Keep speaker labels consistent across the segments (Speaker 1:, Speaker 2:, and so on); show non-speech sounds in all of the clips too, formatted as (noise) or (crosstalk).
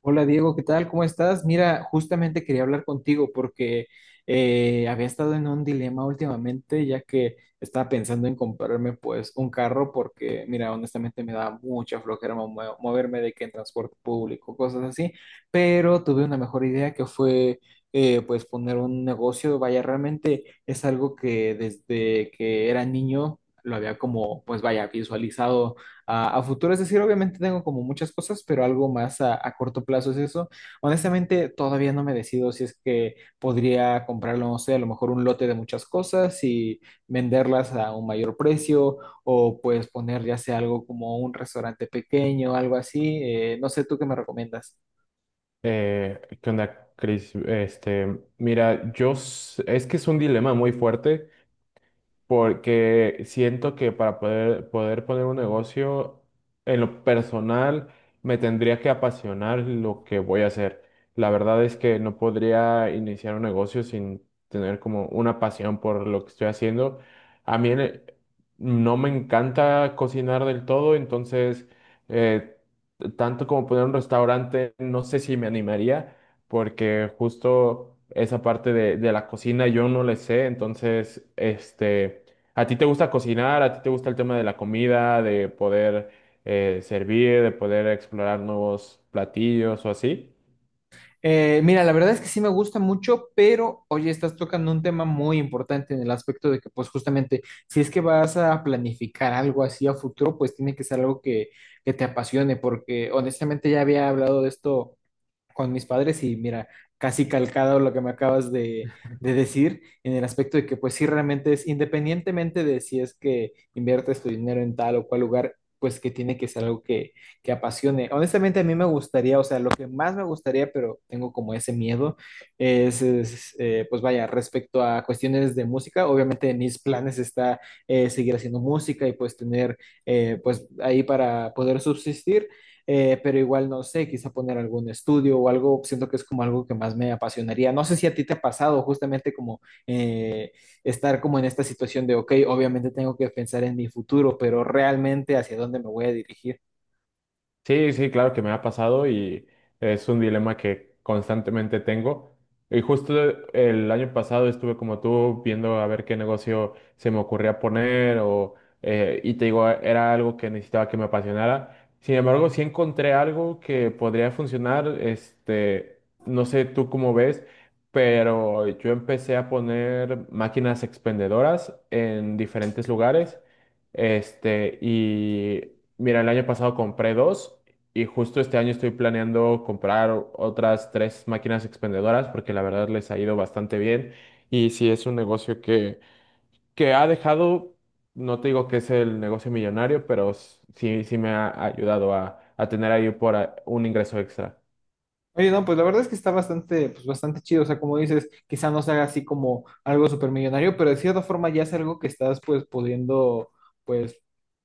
Speaker 1: Hola Diego, ¿qué tal? ¿Cómo estás? Mira, justamente quería hablar contigo porque había estado en un dilema últimamente, ya que estaba pensando en comprarme pues un carro porque, mira, honestamente me da mucha flojera moverme de que en transporte público, cosas así, pero tuve una mejor idea que fue pues poner un negocio, vaya, realmente es algo que desde que era niño lo había como, pues vaya, visualizado a futuro. Es decir, obviamente tengo como muchas cosas, pero algo más a corto plazo es eso. Honestamente, todavía no me decido si es que podría comprarlo, no sé, a lo mejor un lote de muchas cosas y venderlas a un mayor precio o pues poner ya sea algo como un restaurante pequeño, algo así. No sé, ¿tú qué me recomiendas?
Speaker 2: ¿Qué onda, Chris? Este, mira, es que es un dilema muy fuerte porque siento que para poder poner un negocio en lo personal me tendría que apasionar lo que voy a hacer. La verdad es que no podría iniciar un negocio sin tener como una pasión por lo que estoy haciendo. A mí no me encanta cocinar del todo, entonces eh, tanto como poner un restaurante, no sé si me animaría porque justo esa parte de la cocina yo no le sé, entonces, este, ¿a ti te gusta cocinar? ¿A ti te gusta el tema de la comida, de poder servir, de poder explorar nuevos platillos o así?
Speaker 1: Mira, la verdad es que sí me gusta mucho, pero oye, estás tocando un tema muy importante en el aspecto de que, pues justamente, si es que vas a planificar algo así a futuro, pues tiene que ser algo que te apasione, porque honestamente ya había hablado de esto con mis padres y mira, casi calcado lo que me acabas de decir en el aspecto de que pues sí realmente es independientemente de si es que inviertes tu dinero en tal o cual lugar, pues que tiene que ser algo que apasione. Honestamente a mí me gustaría, o sea, lo que más me gustaría, pero tengo como ese miedo, es, pues vaya, respecto a cuestiones de música, obviamente en mis planes está seguir haciendo música y pues tener pues ahí para poder subsistir, pero igual no sé, quizá poner algún estudio o algo, siento que es como algo que más me apasionaría. No sé si a ti te ha pasado justamente como eh, estar como en esta situación de, ok, obviamente tengo que pensar en mi futuro, pero realmente hacia dónde me voy a dirigir.
Speaker 2: Sí, sí, claro que me ha pasado y es un dilema que constantemente tengo. Y justo el año pasado estuve como tú viendo a ver qué negocio se me ocurría poner, o y te digo, era algo que necesitaba que me apasionara. Sin embargo, sí encontré algo que podría funcionar, este, no sé tú cómo ves, pero yo empecé a poner máquinas expendedoras en diferentes lugares. Este, y mira, el año pasado compré dos y justo este año estoy planeando comprar otras tres máquinas expendedoras porque la verdad les ha ido bastante bien y sí es un negocio que ha dejado, no te digo que es el negocio millonario, pero sí, sí me ha ayudado a tener ahí por un ingreso extra.
Speaker 1: Oye, no, pues la verdad es que está bastante, pues bastante chido. O sea, como dices, quizá no sea así como algo supermillonario, pero de cierta forma ya es algo que estás pues pudiendo pues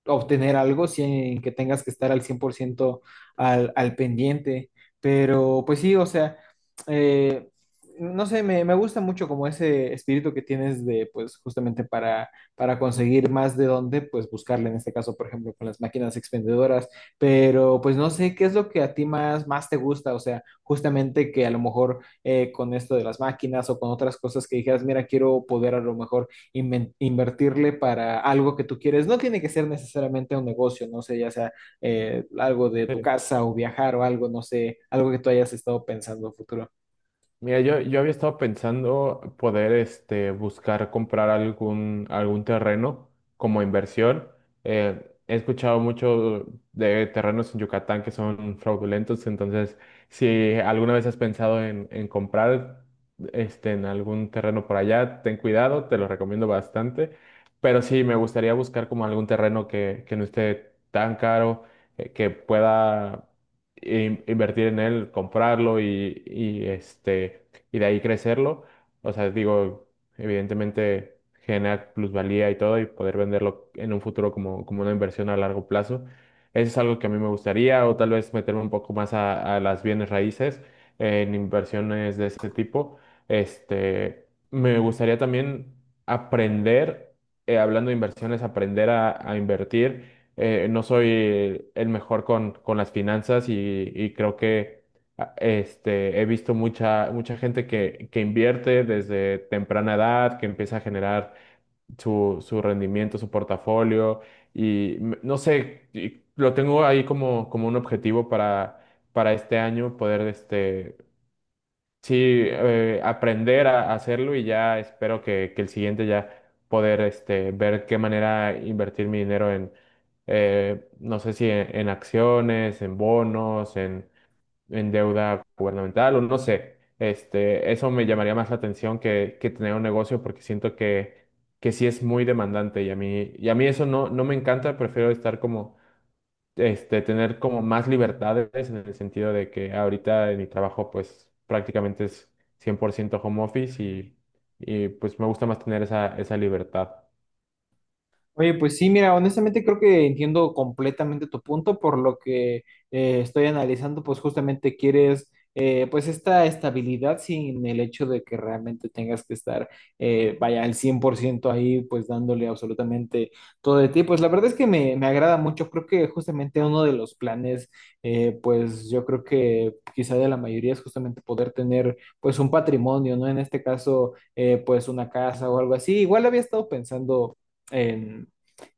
Speaker 1: obtener algo sin que tengas que estar al 100% al pendiente. Pero pues sí, o sea, eh, no sé, me gusta mucho como ese espíritu que tienes de pues justamente para conseguir más de dónde pues buscarle, en este caso, por ejemplo, con las máquinas expendedoras. Pero pues no sé, ¿qué es lo que a ti más, más te gusta? O sea, justamente que a lo mejor con esto de las máquinas o con otras cosas que dijeras, mira, quiero poder a lo mejor invertirle para algo que tú quieres. No tiene que ser necesariamente un negocio, no sé, ya sea algo de tu casa o viajar o algo, no sé, algo que tú hayas estado pensando a futuro.
Speaker 2: Mira, yo había estado pensando poder este, buscar comprar algún terreno como inversión. Eh, He escuchado mucho de terrenos en Yucatán que son fraudulentos, entonces si alguna vez has pensado en comprar este, en algún terreno por allá, ten cuidado, te lo recomiendo bastante. Pero sí, me gustaría buscar como algún terreno que no esté tan caro, que pueda invertir en él, comprarlo este, y de ahí crecerlo. O sea, digo, evidentemente generar plusvalía y todo y poder venderlo en un futuro como, como una inversión a largo plazo. Eso es algo que a mí me gustaría, o tal vez meterme un poco más a las bienes raíces en inversiones de ese tipo. Este, me gustaría también aprender, hablando de inversiones, aprender a invertir. No soy el mejor con las finanzas y creo que este, he visto mucha gente que invierte desde temprana edad, que empieza a generar su rendimiento, su portafolio y no sé, y lo tengo ahí como, como un objetivo para este año poder este, sí, aprender a hacerlo y ya espero que el siguiente ya poder este, ver qué manera invertir mi dinero en, no sé si en, en acciones, en bonos, en deuda gubernamental o no sé. Este, eso me llamaría más la atención que tener un negocio porque siento que sí es muy demandante y a mí eso no, no me encanta, prefiero estar como este, tener como más libertades en el sentido de que ahorita en mi trabajo pues prácticamente es 100% home office y pues me gusta más tener esa, esa libertad.
Speaker 1: Oye, pues sí, mira, honestamente creo que entiendo completamente tu punto, por lo que estoy analizando, pues justamente quieres pues esta estabilidad sin el hecho de que realmente tengas que estar, vaya, al 100% ahí, pues dándole absolutamente todo de ti. Pues la verdad es que me agrada mucho, creo que justamente uno de los planes, pues yo creo que quizá de la mayoría es justamente poder tener pues un patrimonio, ¿no? En este caso, pues una casa o algo así. Igual había estado pensando en,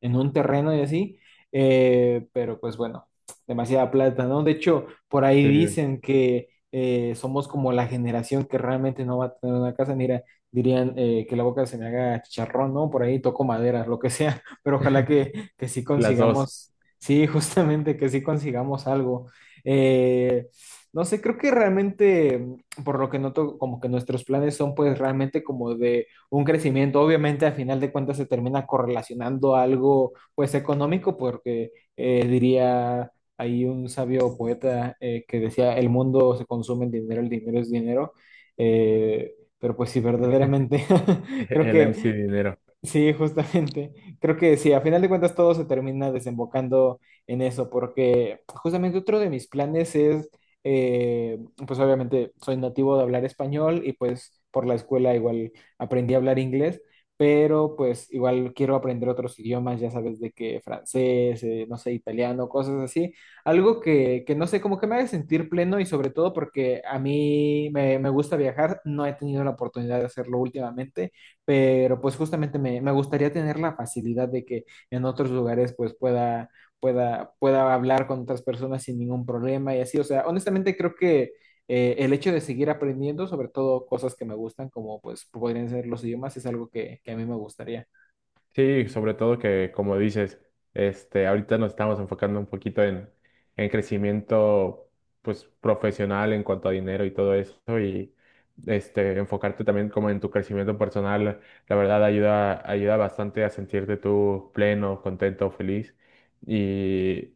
Speaker 1: en un terreno y así, pero pues bueno, demasiada plata, ¿no? De hecho, por ahí
Speaker 2: Sí,
Speaker 1: dicen que somos como la generación que realmente no va a tener una casa, mira, dirían que la boca se me haga chicharrón, ¿no? Por ahí toco madera, lo que sea, (laughs) pero ojalá
Speaker 2: (laughs)
Speaker 1: que sí
Speaker 2: las dos,
Speaker 1: consigamos, sí, (laughs) justamente que sí consigamos algo. Eh, no sé, creo que realmente, por lo que noto, como que nuestros planes son pues realmente como de un crecimiento. Obviamente, al final de cuentas, se termina correlacionando a algo, pues, económico, porque diría ahí un sabio poeta, que decía, el mundo se consume en dinero, el dinero es dinero. Eh, pero pues sí, verdaderamente (laughs)
Speaker 2: (laughs)
Speaker 1: creo
Speaker 2: el MC
Speaker 1: que
Speaker 2: dinero.
Speaker 1: sí, justamente. (laughs) Creo que sí, a final de cuentas todo se termina desembocando en eso, porque pues, justamente otro de mis planes es, eh, pues obviamente soy nativo de hablar español y pues por la escuela igual aprendí a hablar inglés, pero pues igual quiero aprender otros idiomas, ya sabes, de que francés, no sé, italiano, cosas así. Algo que no sé, como que me haga sentir pleno y sobre todo porque a mí me gusta viajar, no he tenido la oportunidad de hacerlo últimamente, pero pues justamente me gustaría tener la facilidad de que en otros lugares pues pueda, pueda hablar con otras personas sin ningún problema y así. O sea, honestamente creo que el hecho de seguir aprendiendo, sobre todo cosas que me gustan, como pues podrían ser los idiomas, es algo que a mí me gustaría.
Speaker 2: Sí, sobre todo que, como dices, este, ahorita nos estamos enfocando un poquito en crecimiento, pues, profesional en cuanto a dinero y todo eso, y este, enfocarte también como en tu crecimiento personal, la verdad ayuda, ayuda bastante a sentirte tú pleno, contento, feliz, y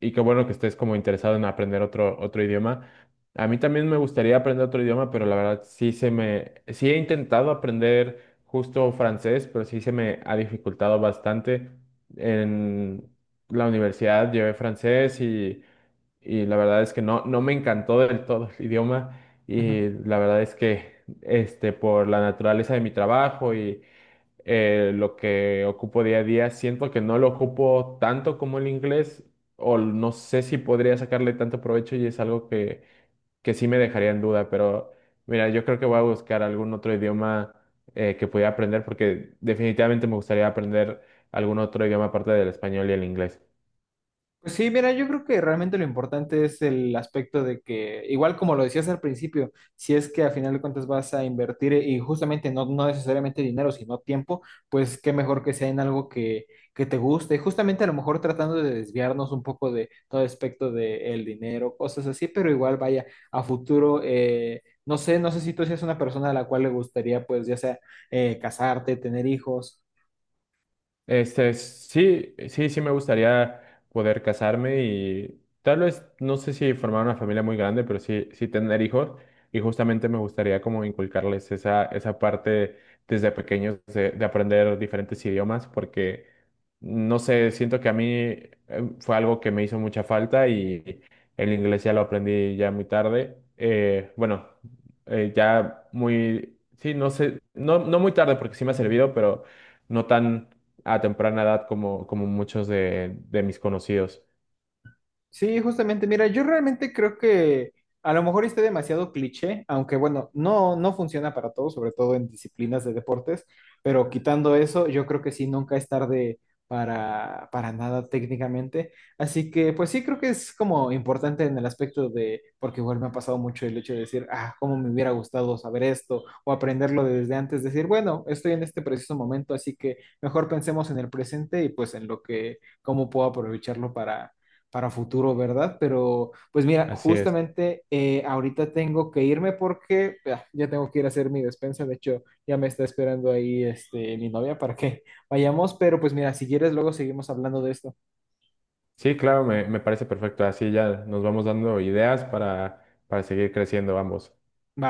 Speaker 2: y qué bueno que estés como interesado en aprender otro, otro idioma. A mí también me gustaría aprender otro idioma, pero la verdad sí se me, sí he intentado aprender justo francés, pero sí se me ha dificultado bastante. En la universidad llevé francés y la verdad es que no, no me encantó del todo el idioma y la verdad es que este, por la naturaleza de mi trabajo y lo que ocupo día a día. Siento que no lo ocupo tanto como el inglés, o no sé si podría sacarle tanto provecho y es algo que sí me dejaría en duda, pero mira, yo creo que voy a buscar algún otro idioma que pudiera aprender porque definitivamente me gustaría aprender algún otro idioma aparte del español y el inglés.
Speaker 1: Pues sí, mira, yo creo que realmente lo importante es el aspecto de que, igual como lo decías al principio, si es que al final de cuentas vas a invertir y justamente no, no necesariamente dinero, sino tiempo, pues qué mejor que sea en algo que te guste. Justamente a lo mejor tratando de desviarnos un poco de todo aspecto del dinero, cosas así, pero igual vaya a futuro, no sé, no sé si tú seas una persona a la cual le gustaría, pues ya sea casarte, tener hijos.
Speaker 2: Este, sí, sí, sí me gustaría poder casarme y tal vez, no sé si formar una familia muy grande, pero sí, sí tener hijos y justamente me gustaría como inculcarles esa, esa parte desde pequeños de aprender diferentes idiomas porque, no sé, siento que a mí fue algo que me hizo mucha falta y el inglés ya lo aprendí ya muy tarde. Bueno, ya muy, sí, no sé, no, no muy tarde porque sí me ha servido, pero no tan a temprana edad como, como muchos de mis conocidos.
Speaker 1: Sí, justamente, mira, yo realmente creo que a lo mejor esté demasiado cliché, aunque bueno, no, no funciona para todos, sobre todo en disciplinas de deportes, pero quitando eso, yo creo que sí, nunca es tarde para nada técnicamente. Así que pues sí, creo que es como importante en el aspecto de, porque igual me ha pasado mucho el hecho de decir, ah, cómo me hubiera gustado saber esto o aprenderlo desde antes, decir, bueno, estoy en este preciso momento, así que mejor pensemos en el presente y pues en lo que, cómo puedo aprovecharlo para futuro, ¿verdad? Pero pues mira,
Speaker 2: Así es.
Speaker 1: justamente ahorita tengo que irme porque ah, ya tengo que ir a hacer mi despensa, de hecho ya me está esperando ahí este, mi novia para que (laughs) vayamos, pero pues mira, si quieres luego seguimos hablando de esto.
Speaker 2: Sí, claro, me parece perfecto. Así ya nos vamos dando ideas para seguir creciendo ambos.
Speaker 1: ¿Va?